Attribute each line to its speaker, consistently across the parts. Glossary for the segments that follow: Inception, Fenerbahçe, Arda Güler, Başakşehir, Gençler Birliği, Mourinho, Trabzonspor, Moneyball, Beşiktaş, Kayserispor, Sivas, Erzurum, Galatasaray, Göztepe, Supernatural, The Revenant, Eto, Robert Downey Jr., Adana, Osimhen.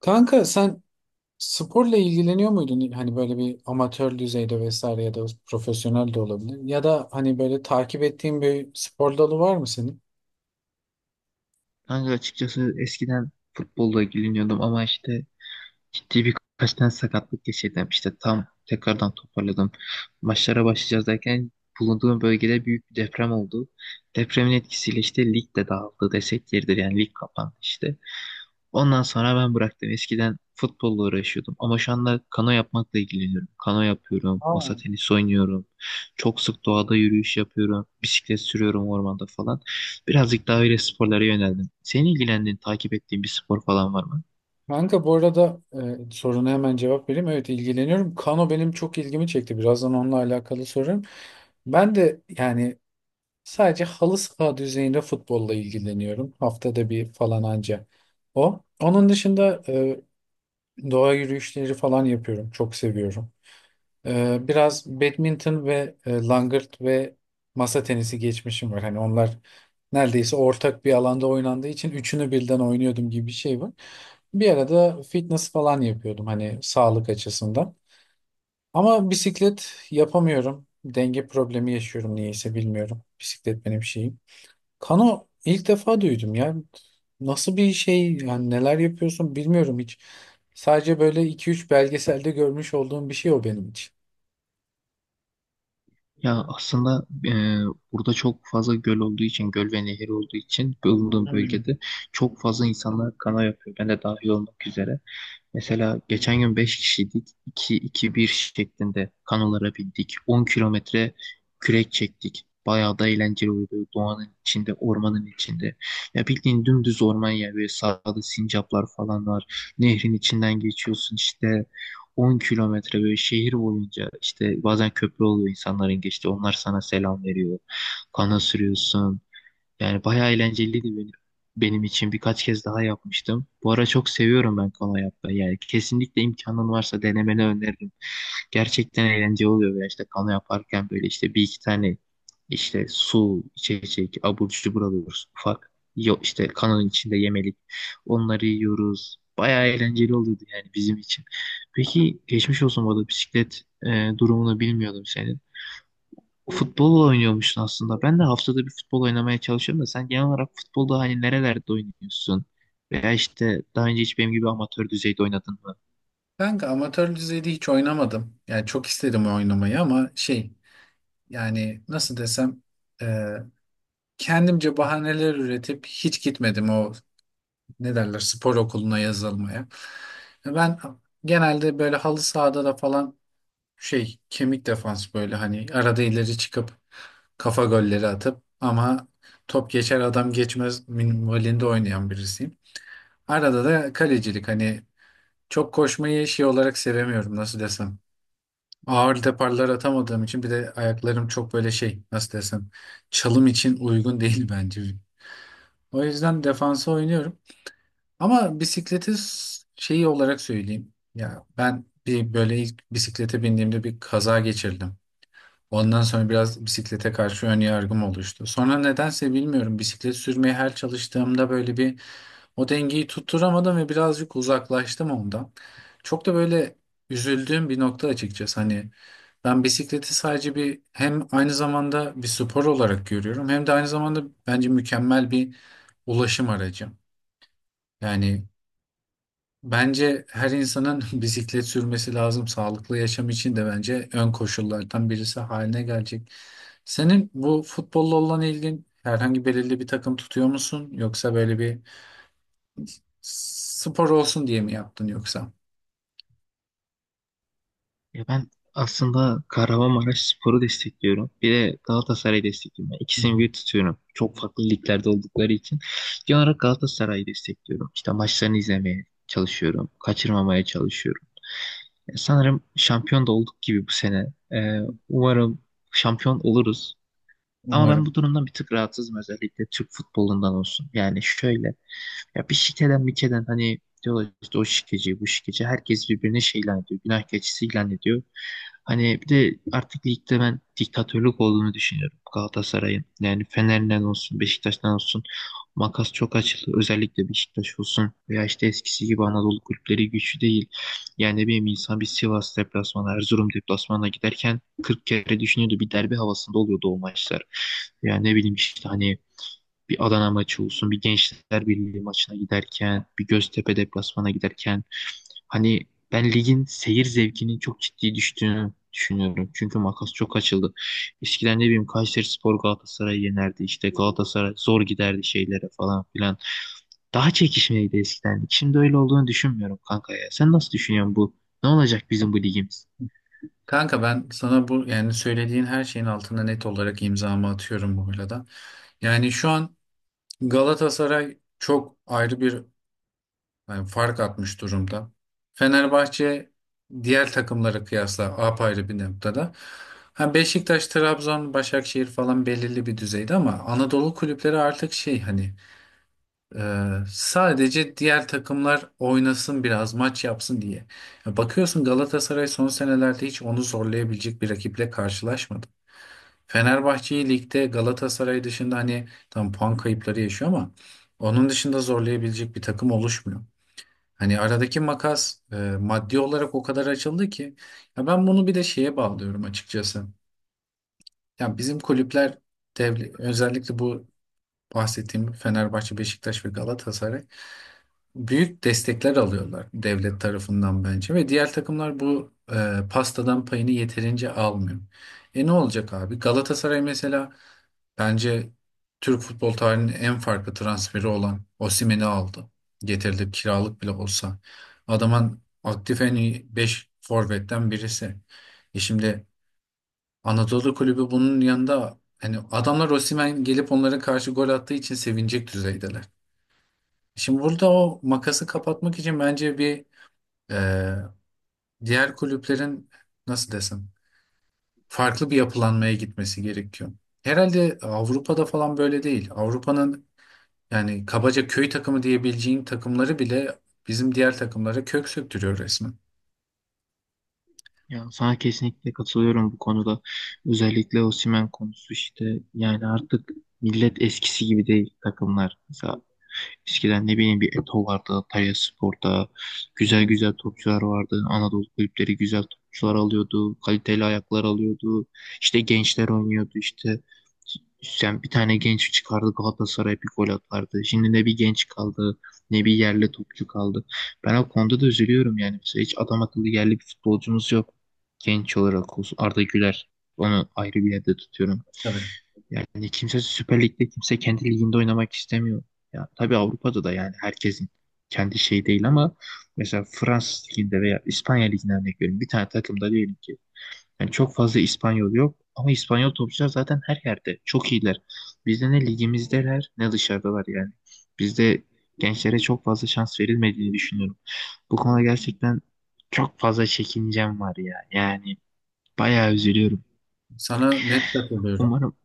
Speaker 1: Kanka sen sporla ilgileniyor muydun? Hani böyle bir amatör düzeyde vesaire ya da profesyonel de olabilir. Ya da hani böyle takip ettiğin bir spor dalı var mı senin?
Speaker 2: Kanka açıkçası eskiden futbolla ilgileniyordum ama işte ciddi birkaç tane sakatlık geçirdim. İşte tam tekrardan toparladım. Maçlara başlayacağız derken bulunduğum bölgede büyük bir deprem oldu. Depremin etkisiyle işte lig de dağıldı desek yeridir yani lig kapandı işte. Ondan sonra ben bıraktım. Eskiden futbolla uğraşıyordum ama şu anda kano yapmakla ilgileniyorum. Kano yapıyorum,
Speaker 1: Aa.
Speaker 2: masa tenisi oynuyorum. Çok sık doğada yürüyüş yapıyorum, bisiklet sürüyorum ormanda falan. Birazcık daha öyle sporlara yöneldim. Senin ilgilendiğin, takip ettiğin bir spor falan var mı?
Speaker 1: Kanka bu arada soruna hemen cevap vereyim. Evet ilgileniyorum. Kano benim çok ilgimi çekti. Birazdan onunla alakalı sorarım. Ben de yani sadece halı saha düzeyinde futbolla ilgileniyorum. Haftada bir falan anca o. Onun dışında doğa yürüyüşleri falan yapıyorum. Çok seviyorum. Biraz badminton ve langırt ve masa tenisi geçmişim var. Hani onlar neredeyse ortak bir alanda oynandığı için üçünü birden oynuyordum gibi bir şey var. Bir arada fitness falan yapıyordum hani sağlık açısından. Ama bisiklet yapamıyorum. Denge problemi yaşıyorum niyeyse bilmiyorum. Bisiklet benim şeyim. Kano ilk defa duydum ya. Nasıl bir şey yani neler yapıyorsun bilmiyorum hiç. Sadece böyle iki üç belgeselde görmüş olduğum bir şey o benim için.
Speaker 2: Ya aslında burada çok fazla göl olduğu için, göl ve nehir olduğu için bulunduğum
Speaker 1: Hmm.
Speaker 2: bölgede çok fazla insanlar kana yapıyor. Ben de dahil olmak üzere. Mesela geçen gün 5 kişiydik. İki iki bir şeklinde kanolara bindik. 10 kilometre kürek çektik. Bayağı da eğlenceli oldu. Doğanın içinde, ormanın içinde. Ya bildiğin dümdüz orman yani. Böyle sağda sincaplar falan var. Nehrin içinden geçiyorsun işte. 10 kilometre böyle şehir boyunca işte bazen köprü oluyor insanların geçti. Onlar sana selam veriyor. Kana sürüyorsun. Yani bayağı eğlenceliydi benim için. Birkaç kez daha yapmıştım. Bu ara çok seviyorum ben kano yapmayı. Yani kesinlikle imkanın varsa denemeni öneririm. Gerçekten eğlenceli oluyor. Veya işte kano yaparken böyle işte bir iki tane işte su, içecek, abur cubur alıyoruz ufak. Yok işte kanonun içinde yemelik. Onları yiyoruz. Bayağı eğlenceli oluyordu yani bizim için. Peki geçmiş olsun bu arada bisiklet durumunu bilmiyordum senin. Futbol oynuyormuşsun aslında. Ben de haftada bir futbol oynamaya çalışıyorum da sen genel olarak futbolda hani nerelerde oynuyorsun? Veya işte daha önce hiç benim gibi amatör düzeyde oynadın mı?
Speaker 1: Kanka amatör düzeyde hiç oynamadım. Yani çok isterim oynamayı ama şey yani nasıl desem e, kendimce bahaneler üretip hiç gitmedim o ne derler spor okuluna yazılmaya. Ben genelde böyle halı sahada da falan şey kemik defans böyle hani arada ileri çıkıp kafa golleri atıp ama top geçer adam geçmez minvalinde oynayan birisiyim. Arada da kalecilik hani çok koşmayı şey olarak sevemiyorum nasıl desem. Ağır teparlar atamadığım için bir de ayaklarım çok böyle şey nasıl desem çalım için uygun değil bence. O yüzden defansa oynuyorum. Ama bisikleti şeyi olarak söyleyeyim. Ya ben bir böyle ilk bisiklete bindiğimde bir kaza geçirdim. Ondan sonra biraz bisiklete karşı ön yargım oluştu. Sonra nedense bilmiyorum bisiklet sürmeye her çalıştığımda böyle bir o dengeyi tutturamadım ve birazcık uzaklaştım ondan. Çok da böyle üzüldüğüm bir nokta açıkçası. Hani ben bisikleti sadece bir hem aynı zamanda bir spor olarak görüyorum hem de aynı zamanda bence mükemmel bir ulaşım aracı. Yani bence her insanın bisiklet sürmesi lazım. Sağlıklı yaşam için de bence ön koşullardan birisi haline gelecek. Senin bu futbolla olan ilgin herhangi belirli bir takım tutuyor musun? Yoksa böyle bir spor olsun diye mi yaptın yoksa?
Speaker 2: Ya ben aslında Kahramanmaraşspor'u destekliyorum. Bir de Galatasaray'ı destekliyorum. Yani
Speaker 1: Hı
Speaker 2: ikisini
Speaker 1: hı.
Speaker 2: bir tutuyorum. Çok farklı liglerde oldukları için. Genel olarak Galatasaray'ı destekliyorum. İşte maçlarını izlemeye çalışıyorum. Kaçırmamaya çalışıyorum. Ya sanırım şampiyon da olduk gibi bu sene. Ee, umarım şampiyon oluruz. Ama ben
Speaker 1: Umarım.
Speaker 2: bu durumdan bir tık rahatsızım özellikle Türk futbolundan olsun. Yani şöyle. Ya bir şikeden bir keden hani diyorlar işte o şikeci bu şikeci herkes birbirine şey ilan ediyor. Günah keçisi ilan ediyor. Hani bir de artık ligde ben diktatörlük olduğunu düşünüyorum Galatasaray'ın. Yani Fener'den olsun Beşiktaş'tan olsun makas çok açıldı. Özellikle Beşiktaş olsun veya işte eskisi gibi Anadolu kulüpleri güçlü değil. Yani ne bileyim insan bir Sivas deplasmanı, Erzurum deplasmanına giderken 40 kere düşünüyordu. Bir derbi havasında oluyordu o maçlar. Yani ne bileyim işte hani bir Adana maçı olsun, bir Gençler Birliği maçına giderken, bir Göztepe deplasmana giderken hani ben ligin seyir zevkinin çok ciddi düştüğünü düşünüyorum. Çünkü makas çok açıldı. Eskiden ne bileyim Kayserispor Galatasaray'ı yenerdi. İşte Galatasaray zor giderdi şeylere falan filan. Daha çekişmeliydi eskiden. Şimdi öyle olduğunu düşünmüyorum kanka ya. Sen nasıl düşünüyorsun bu? Ne olacak bizim bu ligimiz?
Speaker 1: Kanka ben sana bu yani söylediğin her şeyin altına net olarak imzamı atıyorum bu arada. Yani şu an Galatasaray çok ayrı bir, yani fark atmış durumda. Fenerbahçe diğer takımlara kıyasla apayrı bir noktada. Ha Beşiktaş, Trabzon, Başakşehir falan belirli bir düzeyde ama Anadolu kulüpleri artık şey hani e, sadece diğer takımlar oynasın biraz maç yapsın diye. Ya bakıyorsun Galatasaray son senelerde hiç onu zorlayabilecek bir rakiple karşılaşmadı. Fenerbahçe'yi ligde Galatasaray dışında hani tam puan kayıpları yaşıyor ama onun dışında zorlayabilecek bir takım oluşmuyor. Hani aradaki makas maddi olarak o kadar açıldı ki ya ben bunu bir de şeye bağlıyorum açıkçası. Ya bizim kulüpler özellikle bu bahsettiğim Fenerbahçe, Beşiktaş ve Galatasaray büyük destekler alıyorlar devlet tarafından bence ve diğer takımlar bu pastadan payını yeterince almıyor. E ne olacak abi? Galatasaray mesela bence Türk futbol tarihinin en farklı transferi olan Osimhen'i aldı. Getirdi kiralık bile olsa. Adamın aktif en iyi 5 forvetten birisi. E şimdi Anadolu Kulübü bunun yanında hani adamlar Osimhen gelip onlara karşı gol attığı için sevinecek düzeydeler. Şimdi burada o makası kapatmak için bence bir, e, diğer kulüplerin nasıl desem farklı bir yapılanmaya gitmesi gerekiyor. Herhalde Avrupa'da falan böyle değil. Avrupa'nın, yani kabaca köy takımı diyebileceğin takımları bile bizim diğer takımlara kök söktürüyor resmen.
Speaker 2: Ya sana kesinlikle katılıyorum bu konuda. Özellikle Osimhen konusu işte yani artık millet eskisi gibi değil takımlar. Mesela eskiden ne bileyim bir Eto vardı, Talyaspor'da güzel
Speaker 1: Hmm.
Speaker 2: güzel topçular vardı. Anadolu kulüpleri güzel topçular alıyordu, kaliteli ayaklar alıyordu. İşte gençler oynuyordu işte. Sen bir tane genç çıkardı Galatasaray bir gol atardı. Şimdi ne bir genç kaldı ne bir yerli topçu kaldı. Ben o konuda da üzülüyorum yani. Mesela hiç adam akıllı yerli bir futbolcumuz yok. Genç olarak olsun. Arda Güler onu ayrı bir yerde tutuyorum.
Speaker 1: Tabii.
Speaker 2: Yani kimse Süper Lig'de kimse kendi liginde oynamak istemiyor. Ya tabii Avrupa'da da yani herkesin kendi şeyi değil ama mesela Fransız liginde veya İspanya liginde örnek veriyorum. Bir tane takımda diyelim ki yani çok fazla İspanyol yok ama İspanyol topçular zaten her yerde çok iyiler. Bizde ne ligimizdeler ne dışarıdalar yani. Bizde gençlere çok fazla şans verilmediğini düşünüyorum. Bu konuda gerçekten çok fazla çekincem var ya. Yani bayağı üzülüyorum.
Speaker 1: Sana net katılıyorum.
Speaker 2: Umarım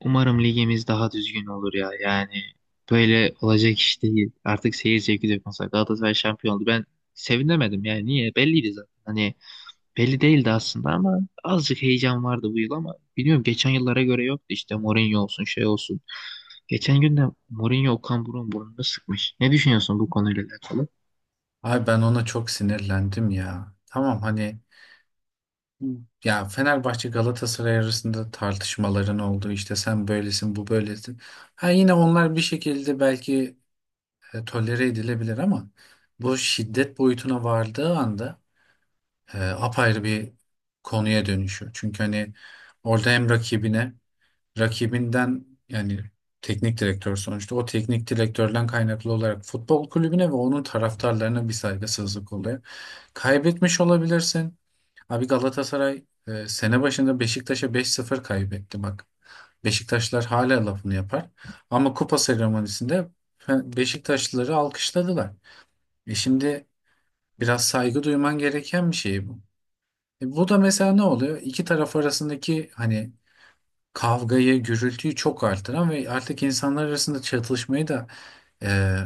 Speaker 2: Umarım ligimiz daha düzgün olur ya. Yani böyle olacak iş değil. Artık seyir zevki de yok. Mesela Galatasaray şampiyon oldu. Ben sevinemedim yani. Niye? Belliydi zaten. Hani belli değildi aslında ama azıcık heyecan vardı bu yıl ama biliyorum geçen yıllara göre yoktu işte Mourinho olsun şey olsun. Geçen gün de Mourinho Okan Buruk'un burnunu sıkmış. Ne düşünüyorsun bu konuyla alakalı?
Speaker 1: Ay ben ona çok sinirlendim ya. Tamam hani ya Fenerbahçe Galatasaray arasında tartışmaların olduğu işte sen böylesin bu böylesin. Ha yine onlar bir şekilde belki tolere edilebilir ama bu şiddet boyutuna vardığı anda apayrı bir konuya dönüşüyor. Çünkü hani orada hem rakibine rakibinden yani teknik direktör sonuçta o teknik direktörden kaynaklı olarak futbol kulübüne ve onun taraftarlarına bir saygısızlık oluyor. Kaybetmiş olabilirsin. Abi Galatasaray sene başında Beşiktaş'a 5-0 kaybetti bak. Beşiktaşlar hala lafını yapar. Ama kupa seremonisinde Beşiktaşlıları alkışladılar. E şimdi biraz saygı duyman gereken bir şey bu. E bu da mesela ne oluyor? İki taraf arasındaki hani kavgayı, gürültüyü çok artıran ve artık insanlar arasında çatışmayı da e,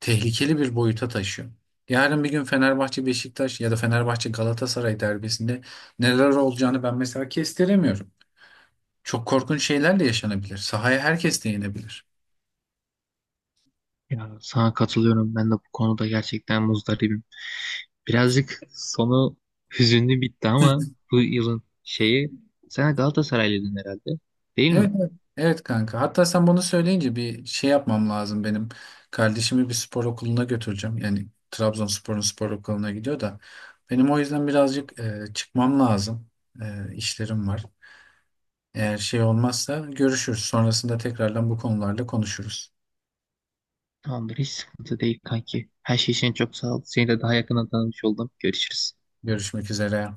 Speaker 1: tehlikeli bir boyuta taşıyor. Yarın bir gün Fenerbahçe Beşiktaş ya da Fenerbahçe Galatasaray derbisinde neler olacağını ben mesela kestiremiyorum. Çok korkunç şeyler de yaşanabilir. Sahaya herkes de inebilir.
Speaker 2: Ya sana katılıyorum. Ben de bu konuda gerçekten muzdaribim. Birazcık sonu hüzünlü bitti ama bu yılın şeyi sen Galatasaraylıydın herhalde değil mi?
Speaker 1: Evet, evet, evet kanka. Hatta sen bunu söyleyince bir şey yapmam lazım benim. Kardeşimi bir spor okuluna götüreceğim. Yani Trabzonspor'un spor okuluna gidiyor da. Benim o yüzden birazcık çıkmam lazım. İşlerim var. Eğer şey olmazsa görüşürüz. Sonrasında tekrardan bu konularla konuşuruz.
Speaker 2: Tamamdır hiç sıkıntı değil kanki. Her şey için çok sağ ol. Seni de daha yakından tanımış oldum. Görüşürüz.
Speaker 1: Görüşmek üzere.